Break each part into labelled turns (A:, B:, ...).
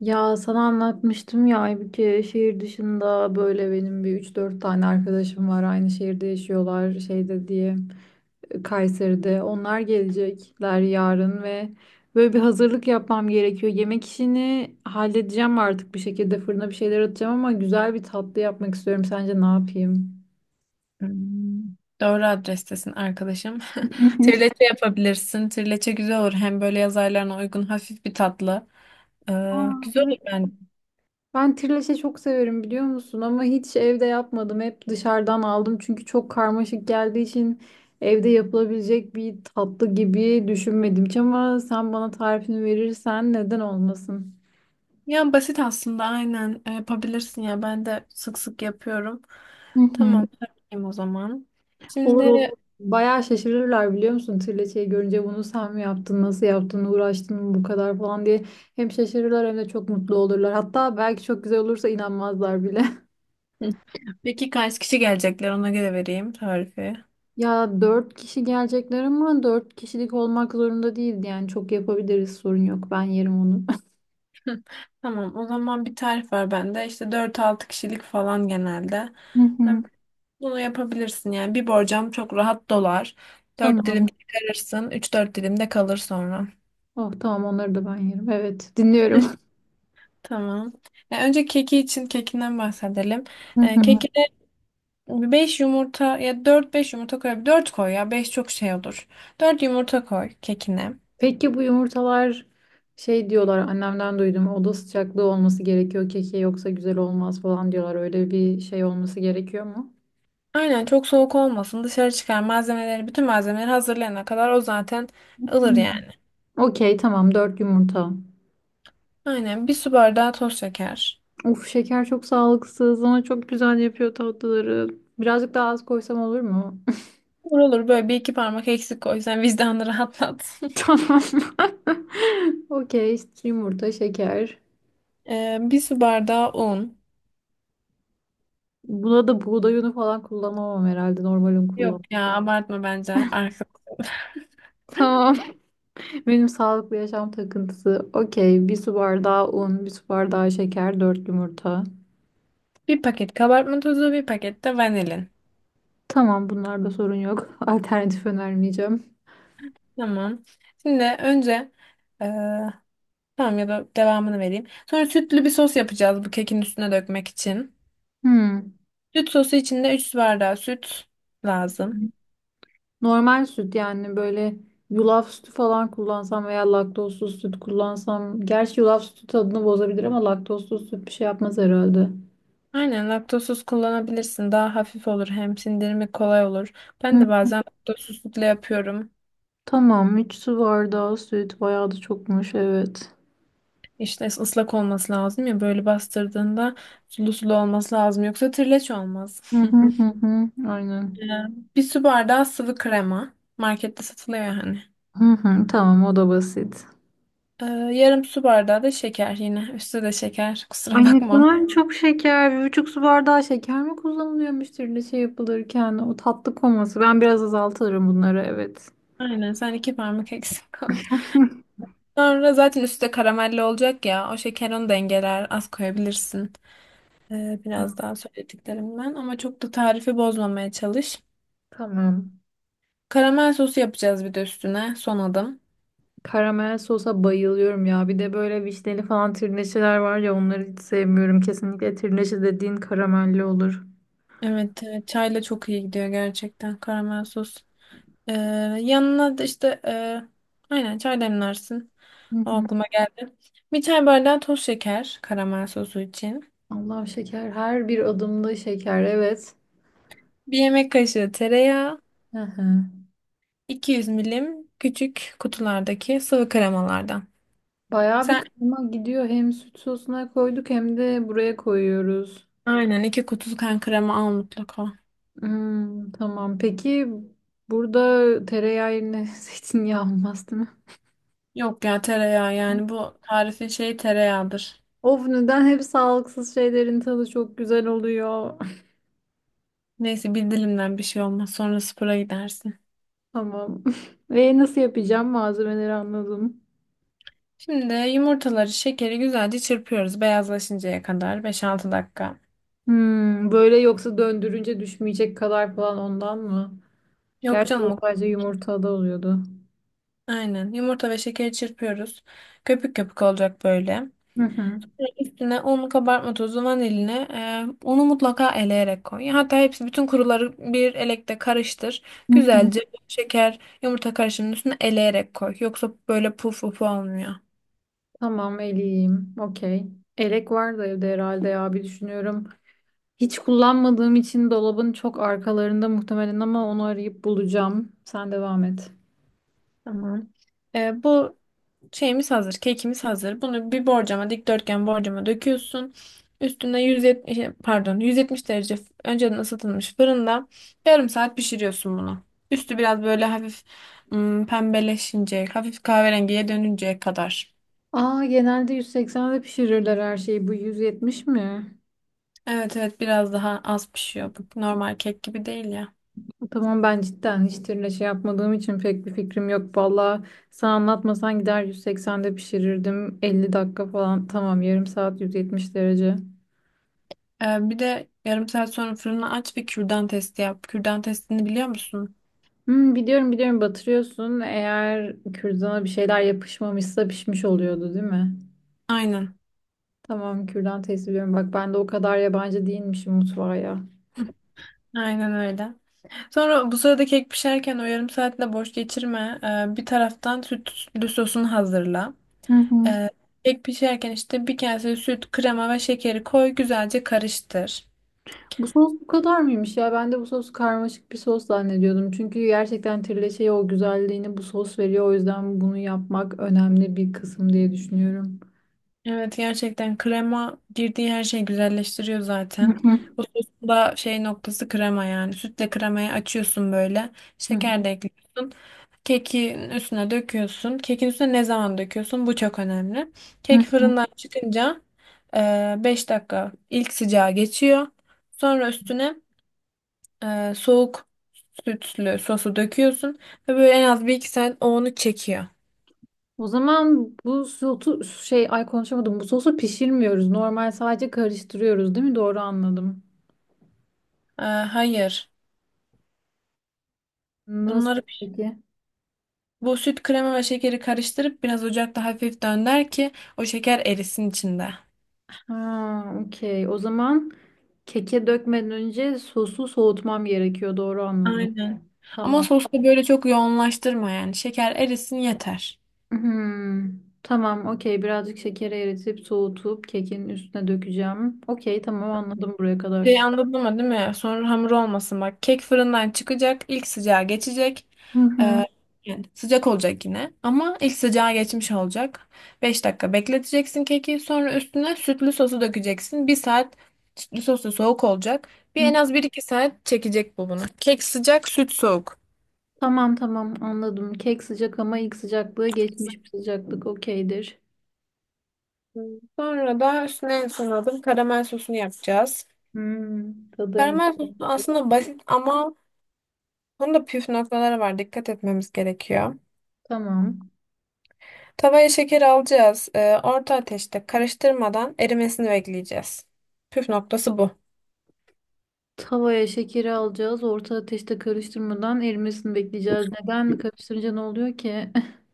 A: Ya sana anlatmıştım ya bir kere şehir dışında böyle benim üç dört tane arkadaşım var. Aynı şehirde yaşıyorlar şeyde diye Kayseri'de. Onlar gelecekler yarın ve böyle bir hazırlık yapmam gerekiyor. Yemek işini halledeceğim artık bir şekilde fırına bir şeyler atacağım ama güzel bir tatlı yapmak istiyorum. Sence ne yapayım?
B: Hmm, Doğru adrestesin arkadaşım. Trileçe yapabilirsin. Trileçe güzel olur. Hem böyle yaz aylarına uygun hafif bir tatlı. Ee,
A: Aa,
B: güzel
A: evet.
B: olur ben.
A: Ben trileçe çok severim biliyor musun? Ama hiç evde yapmadım. Hep dışarıdan aldım. Çünkü çok karmaşık geldiği için evde yapılabilecek bir tatlı gibi düşünmedim hiç. Ama sen bana tarifini verirsen neden olmasın?
B: Yani basit aslında aynen yapabilirsin ya. Ben de sık sık yapıyorum.
A: Hı hı.
B: Tamam yapayım o zaman.
A: Olur
B: Şimdi.
A: olur. Bayağı şaşırırlar biliyor musun? Trileçeyi görünce bunu sen mi yaptın, nasıl yaptın, uğraştın mı bu kadar falan diye. Hem şaşırırlar hem de çok mutlu olurlar. Hatta belki çok güzel olursa inanmazlar bile.
B: Hı. Peki kaç kişi gelecekler, ona göre vereyim tarifi.
A: Ya dört kişi gelecekler ama dört kişilik olmak zorunda değildi. Yani çok yapabiliriz sorun yok. Ben yerim onu.
B: Tamam o zaman bir tarif var bende. İşte dört altı kişilik falan genelde.
A: Hı hı.
B: Bunu yapabilirsin yani. Bir borcam çok rahat dolar. Dört dilim
A: Tamam.
B: çıkarırsın. Üç dört dilim de kalır sonra.
A: Oh tamam, onları da ben yerim. Evet, dinliyorum.
B: Tamam. Ya önce keki için kekinden bahsedelim.
A: Hı hı.
B: Kekine 5 yumurta ya dört beş yumurta koy. 4 koy ya 5 çok şey olur. Dört yumurta koy kekine.
A: Peki bu yumurtalar şey diyorlar, annemden duydum, oda sıcaklığı olması gerekiyor keke yoksa güzel olmaz falan diyorlar. Öyle bir şey olması gerekiyor mu?
B: Aynen çok soğuk olmasın. Dışarı çıkar malzemeleri bütün malzemeleri hazırlayana kadar o zaten ılır
A: Hı.
B: yani.
A: Okey, tamam, dört yumurta.
B: Aynen bir su bardağı toz şeker.
A: Of, şeker çok sağlıksız ama çok güzel yapıyor tatlıları. Birazcık daha az koysam olur mu?
B: Olur olur böyle bir iki parmak eksik koy. Sen vicdanını rahatlat.
A: Tamam. Okey. Yumurta, şeker.
B: Bir su bardağı un.
A: Buna da buğday unu falan kullanamam herhalde. Normal un
B: Yok
A: kullanmam.
B: ya abartma bence. Arka.
A: Tamam. Benim sağlıklı yaşam takıntısı. Okey. Bir su bardağı un, bir su bardağı şeker, dört yumurta.
B: Bir paket kabartma tozu, bir paket de vanilin.
A: Tamam, bunlarda sorun yok. Alternatif önermeyeceğim.
B: Tamam. Şimdi önce e, tamam ya da devamını vereyim. Sonra sütlü bir sos yapacağız bu kekin üstüne dökmek için.
A: Hmm.
B: Süt sosu için de 3 su bardağı süt lazım.
A: Normal süt yani, böyle yulaf sütü falan kullansam veya laktozsuz süt kullansam. Gerçi yulaf sütü tadını bozabilir ama laktozsuz süt bir şey yapmaz herhalde.
B: Aynen laktozsuz kullanabilirsin. Daha hafif olur hem sindirimi kolay olur. Ben de bazen laktozsuz sütle yapıyorum.
A: Tamam, 3 su bardağı süt bayağı da çokmuş, evet.
B: İşte ıslak olması lazım ya böyle bastırdığında sulu sulu olması lazım yoksa trileç olmaz.
A: Hı hı hı hı. Aynen.
B: Ee, bir su bardağı sıvı krema. Markette satılıyor hani.
A: Hı hı, tamam, o da basit.
B: Ee, yarım su bardağı da şeker yine. Üstü de şeker.
A: Ay,
B: Kusura
A: ne
B: bakma.
A: kadar çok şeker. Bir buçuk su bardağı şeker mi kullanılıyormuş türlü şey yapılırken? O tatlı koması. Ben biraz azaltırım bunları, evet.
B: Aynen sen iki parmak eksik koy. Sonra zaten üstü de karamelli olacak ya. O şeker onu dengeler. Az koyabilirsin. Biraz
A: Tamam.
B: daha söylediklerimden. Ama çok da tarifi bozmamaya çalış.
A: Tamam.
B: Karamel sosu yapacağız bir de üstüne. Son adım.
A: Karamel sosa bayılıyorum ya. Bir de böyle vişneli falan tirneşeler var ya, onları hiç sevmiyorum. Kesinlikle tirneşe dediğin karamelli olur.
B: Evet, evet, çayla çok iyi gidiyor gerçekten karamel sos. Ee, yanına da işte aynen çay demlersin.
A: Hı
B: O
A: hı.
B: aklıma geldi. Bir çay bardağı toz şeker karamel sosu için.
A: Allah şeker. Her bir adımda şeker, evet.
B: Bir yemek kaşığı tereyağı,
A: Hı hı.
B: 200 milim küçük kutulardaki sıvı kremalardan.
A: Bayağı bir
B: Sen
A: kıyma gidiyor. Hem süt sosuna koyduk hem de buraya koyuyoruz.
B: aynen iki kutu kan krema al mutlaka.
A: Hmm, tamam. Peki burada tereyağı yerine zeytinyağı olmaz değil mi?
B: Yok ya tereyağı yani bu tarifin şeyi tereyağıdır.
A: Of, neden hep sağlıksız şeylerin tadı çok güzel oluyor.
B: Neyse bir dilimden bir şey olmaz sonra spora gidersin.
A: Tamam. Ve nasıl yapacağım? Malzemeleri anladım.
B: Şimdi yumurtaları, şekeri güzelce çırpıyoruz beyazlaşıncaya kadar beş-altı dakika.
A: Hmm, böyle yoksa döndürünce düşmeyecek kadar falan ondan mı?
B: Yok
A: Gerçi
B: canım,
A: o sadece yumurtada oluyordu.
B: aynen yumurta ve şekeri çırpıyoruz. Köpük köpük olacak böyle.
A: Hı hı.
B: Üstüne un, kabartma tozu, vanilini, unu mutlaka eleyerek koy. Hatta hepsi bütün kuruları bir elekte karıştır.
A: Hı hı.
B: Güzelce şeker, yumurta karışımının üstüne eleyerek koy. Yoksa böyle puf puf olmuyor.
A: Tamam, eleyeyim. Okey. Elek var da evde herhalde ya, bir düşünüyorum. Hiç kullanmadığım için dolabın çok arkalarında muhtemelen, ama onu arayıp bulacağım. Sen devam et.
B: Tamam. Bu şeyimiz hazır, kekimiz hazır. Bunu bir borcama, dikdörtgen borcama döküyorsun. Üstüne 170, pardon, 170 derece önceden ısıtılmış fırında yarım saat pişiriyorsun bunu. Üstü biraz böyle hafif pembeleşince, hafif kahverengiye dönünceye kadar.
A: Aa, genelde 180'de pişirirler her şeyi. Bu 170 mi?
B: Evet evet biraz daha az pişiyor. Bu normal kek gibi değil ya.
A: Tamam, ben cidden hiç tirle şey yapmadığım için pek bir fikrim yok. Valla sen anlatmasan gider 180'de pişirirdim. 50 dakika falan. Tamam, yarım saat 170 derece.
B: Bir de yarım saat sonra fırını aç ve kürdan testi yap. Kürdan testini biliyor musun?
A: Hmm, biliyorum biliyorum batırıyorsun. Eğer kürdana bir şeyler yapışmamışsa pişmiş oluyordu değil mi?
B: Aynen.
A: Tamam, kürdan test ediyorum. Bak ben de o kadar yabancı değilmişim mutfağa ya.
B: Hı, aynen öyle. Sonra bu sırada kek pişerken o yarım saatinde boş geçirme. Bir taraftan sütlü sosunu hazırla.
A: Hı hı.
B: Ee, kek pişerken işte bir kase süt, krema ve şekeri koy, güzelce karıştır.
A: Bu sos bu kadar mıymış ya? Ben de bu sos karmaşık bir sos zannediyordum. Çünkü gerçekten trileçeye o güzelliğini bu sos veriyor. O yüzden bunu yapmak önemli bir kısım diye düşünüyorum.
B: Evet gerçekten krema girdiği her şeyi güzelleştiriyor
A: Hı
B: zaten.
A: hı.
B: Bu sosun da şey noktası krema yani. Sütle kremayı açıyorsun böyle.
A: Hı hı.
B: Şeker de ekliyorsun. Kekin üstüne döküyorsun. Kekin üstüne ne zaman döküyorsun? Bu çok önemli.
A: Hı
B: Kek
A: hı.
B: fırından çıkınca 5 dakika ilk sıcağı geçiyor. Sonra üstüne soğuk sütlü sosu döküyorsun. Ve böyle en az bir iki saat o onu çekiyor.
A: O zaman bu sosu şey, ay konuşamadım. Bu sosu pişirmiyoruz. Normal sadece karıştırıyoruz, değil mi? Doğru anladım.
B: E, hayır.
A: Nasıl
B: Bunları
A: peki?
B: bu süt krema ve şekeri karıştırıp biraz ocakta hafif dönder ki o şeker erisin içinde.
A: Ha, okey. O zaman keke dökmeden önce sosu soğutmam gerekiyor. Doğru anladım.
B: Aynen. Ama
A: Tamam.
B: sosu da böyle çok yoğunlaştırma yani. Şeker erisin yeter.
A: Hmm, tamam, okey. Birazcık şekeri eritip soğutup kekin üstüne dökeceğim. Okey, tamam, anladım buraya kadar.
B: Anladın mı değil mi? Sonra hamur olmasın bak. Kek fırından çıkacak. İlk sıcağı geçecek.
A: Hı
B: Ee,
A: hı.
B: yani sıcak olacak yine. Ama ilk sıcağı geçmiş olacak. 5 dakika bekleteceksin keki. Sonra üstüne sütlü sosu dökeceksin. Bir saat sütlü sosu soğuk olacak. Bir
A: Hı.
B: en az bir iki saat çekecek bu bunu. Kek sıcak, süt soğuk.
A: Tamam tamam anladım. Kek sıcak ama ilk sıcaklığı geçmiş bir sıcaklık okeydir.
B: Hmm. Sonra da üstüne en son adım karamel sosunu yapacağız.
A: Hmm, tadı en
B: Karamel
A: güzel.
B: sosu aslında basit ama bunun da püf noktaları var. Dikkat etmemiz gerekiyor.
A: Tamam.
B: Tavaya şeker alacağız. Orta ateşte karıştırmadan erimesini bekleyeceğiz. Püf noktası bu.
A: Tavaya şekeri alacağız. Orta ateşte karıştırmadan erimesini bekleyeceğiz. Neden karıştırınca ne oluyor ki?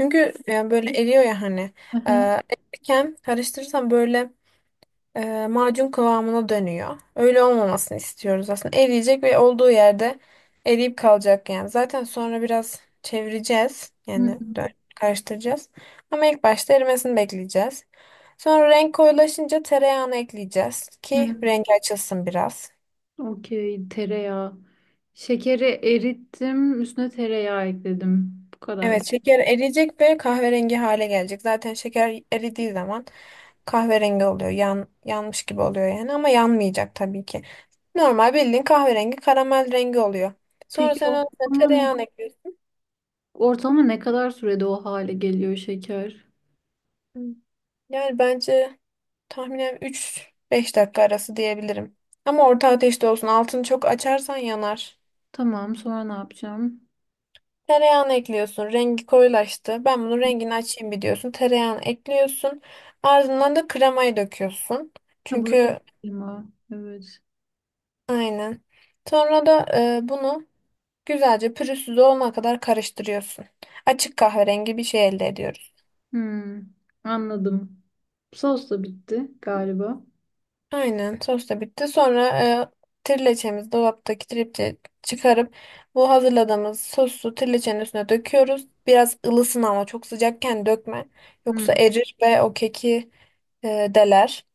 B: Çünkü yani böyle eriyor ya hani.
A: Aha.
B: Erirken karıştırırsan böyle macun kıvamına dönüyor. Öyle olmamasını istiyoruz aslında. Eriyecek ve olduğu yerde eriyip kalacak yani. Zaten sonra biraz çevireceğiz.
A: Hı hı.
B: Yani karıştıracağız. Ama ilk başta erimesini bekleyeceğiz. Sonra renk koyulaşınca tereyağını ekleyeceğiz ki
A: Hı.
B: rengi açılsın biraz.
A: Okey, tereyağı. Şekeri erittim, üstüne tereyağı ekledim. Bu kadar.
B: Evet, şeker eriyecek ve kahverengi hale gelecek. Zaten şeker eridiği zaman kahverengi oluyor. Yanmış gibi oluyor yani ama yanmayacak tabii ki. Normal bildiğin kahverengi karamel rengi oluyor. Sonra
A: Peki
B: sen ona
A: ortalama
B: tereyağını ekliyorsun.
A: ortalama ne kadar sürede o hale geliyor şeker?
B: Hı. Yani bence tahminen 3-5 dakika arası diyebilirim. Ama orta ateşte olsun. Altını çok açarsan yanar.
A: Tamam, sonra ne yapacağım?
B: Tereyağını ekliyorsun. Rengi koyulaştı. Ben bunun rengini açayım bir diyorsun. Tereyağını ekliyorsun. Ardından da kremayı döküyorsun.
A: Ha, buraya da
B: Çünkü.
A: koyayım ha. Evet.
B: Aynen. Sonra da bunu güzelce pürüzsüz olana kadar karıştırıyorsun. Açık kahverengi bir şey elde ediyoruz.
A: Hmm, anladım. Sos da bitti galiba.
B: Aynen sos da bitti. Sonra trileçemizi dolaptaki tripçe çıkarıp bu hazırladığımız sosu trileçenin üstüne döküyoruz. Biraz ılısın ama çok sıcakken dökme.
A: Hmm,
B: Yoksa erir ve o keki deler.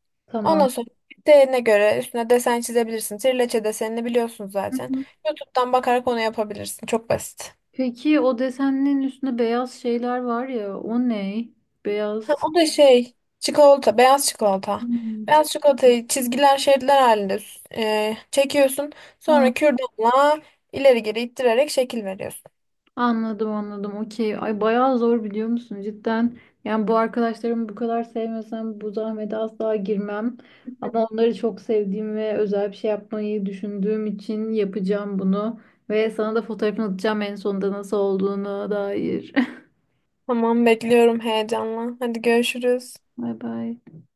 B: Ondan
A: tamam.
B: sonra isteğine göre üstüne desen çizebilirsin. Trileçe desenini biliyorsun
A: Hı
B: zaten.
A: hı.
B: YouTube'dan bakarak onu yapabilirsin. Çok basit.
A: Peki o desenlerin üstünde beyaz şeyler var ya, o ne?
B: Ha,
A: Beyaz.
B: o da çikolata, beyaz çikolata.
A: Hmm,
B: Beyaz
A: çikolata.
B: çikolatayı çizgiler, şeritler halinde çekiyorsun. Sonra kürdanla ileri geri ittirerek şekil veriyorsun.
A: Anladım anladım, okey. Ay bayağı zor biliyor musun, cidden. Yani bu arkadaşlarımı bu kadar sevmesem bu zahmete asla girmem. Ama onları çok sevdiğim ve özel bir şey yapmayı düşündüğüm için yapacağım bunu. Ve sana da fotoğrafını atacağım en sonunda nasıl olduğunu dair.
B: Tamam bekliyorum heyecanla. Hadi görüşürüz.
A: Bay bay.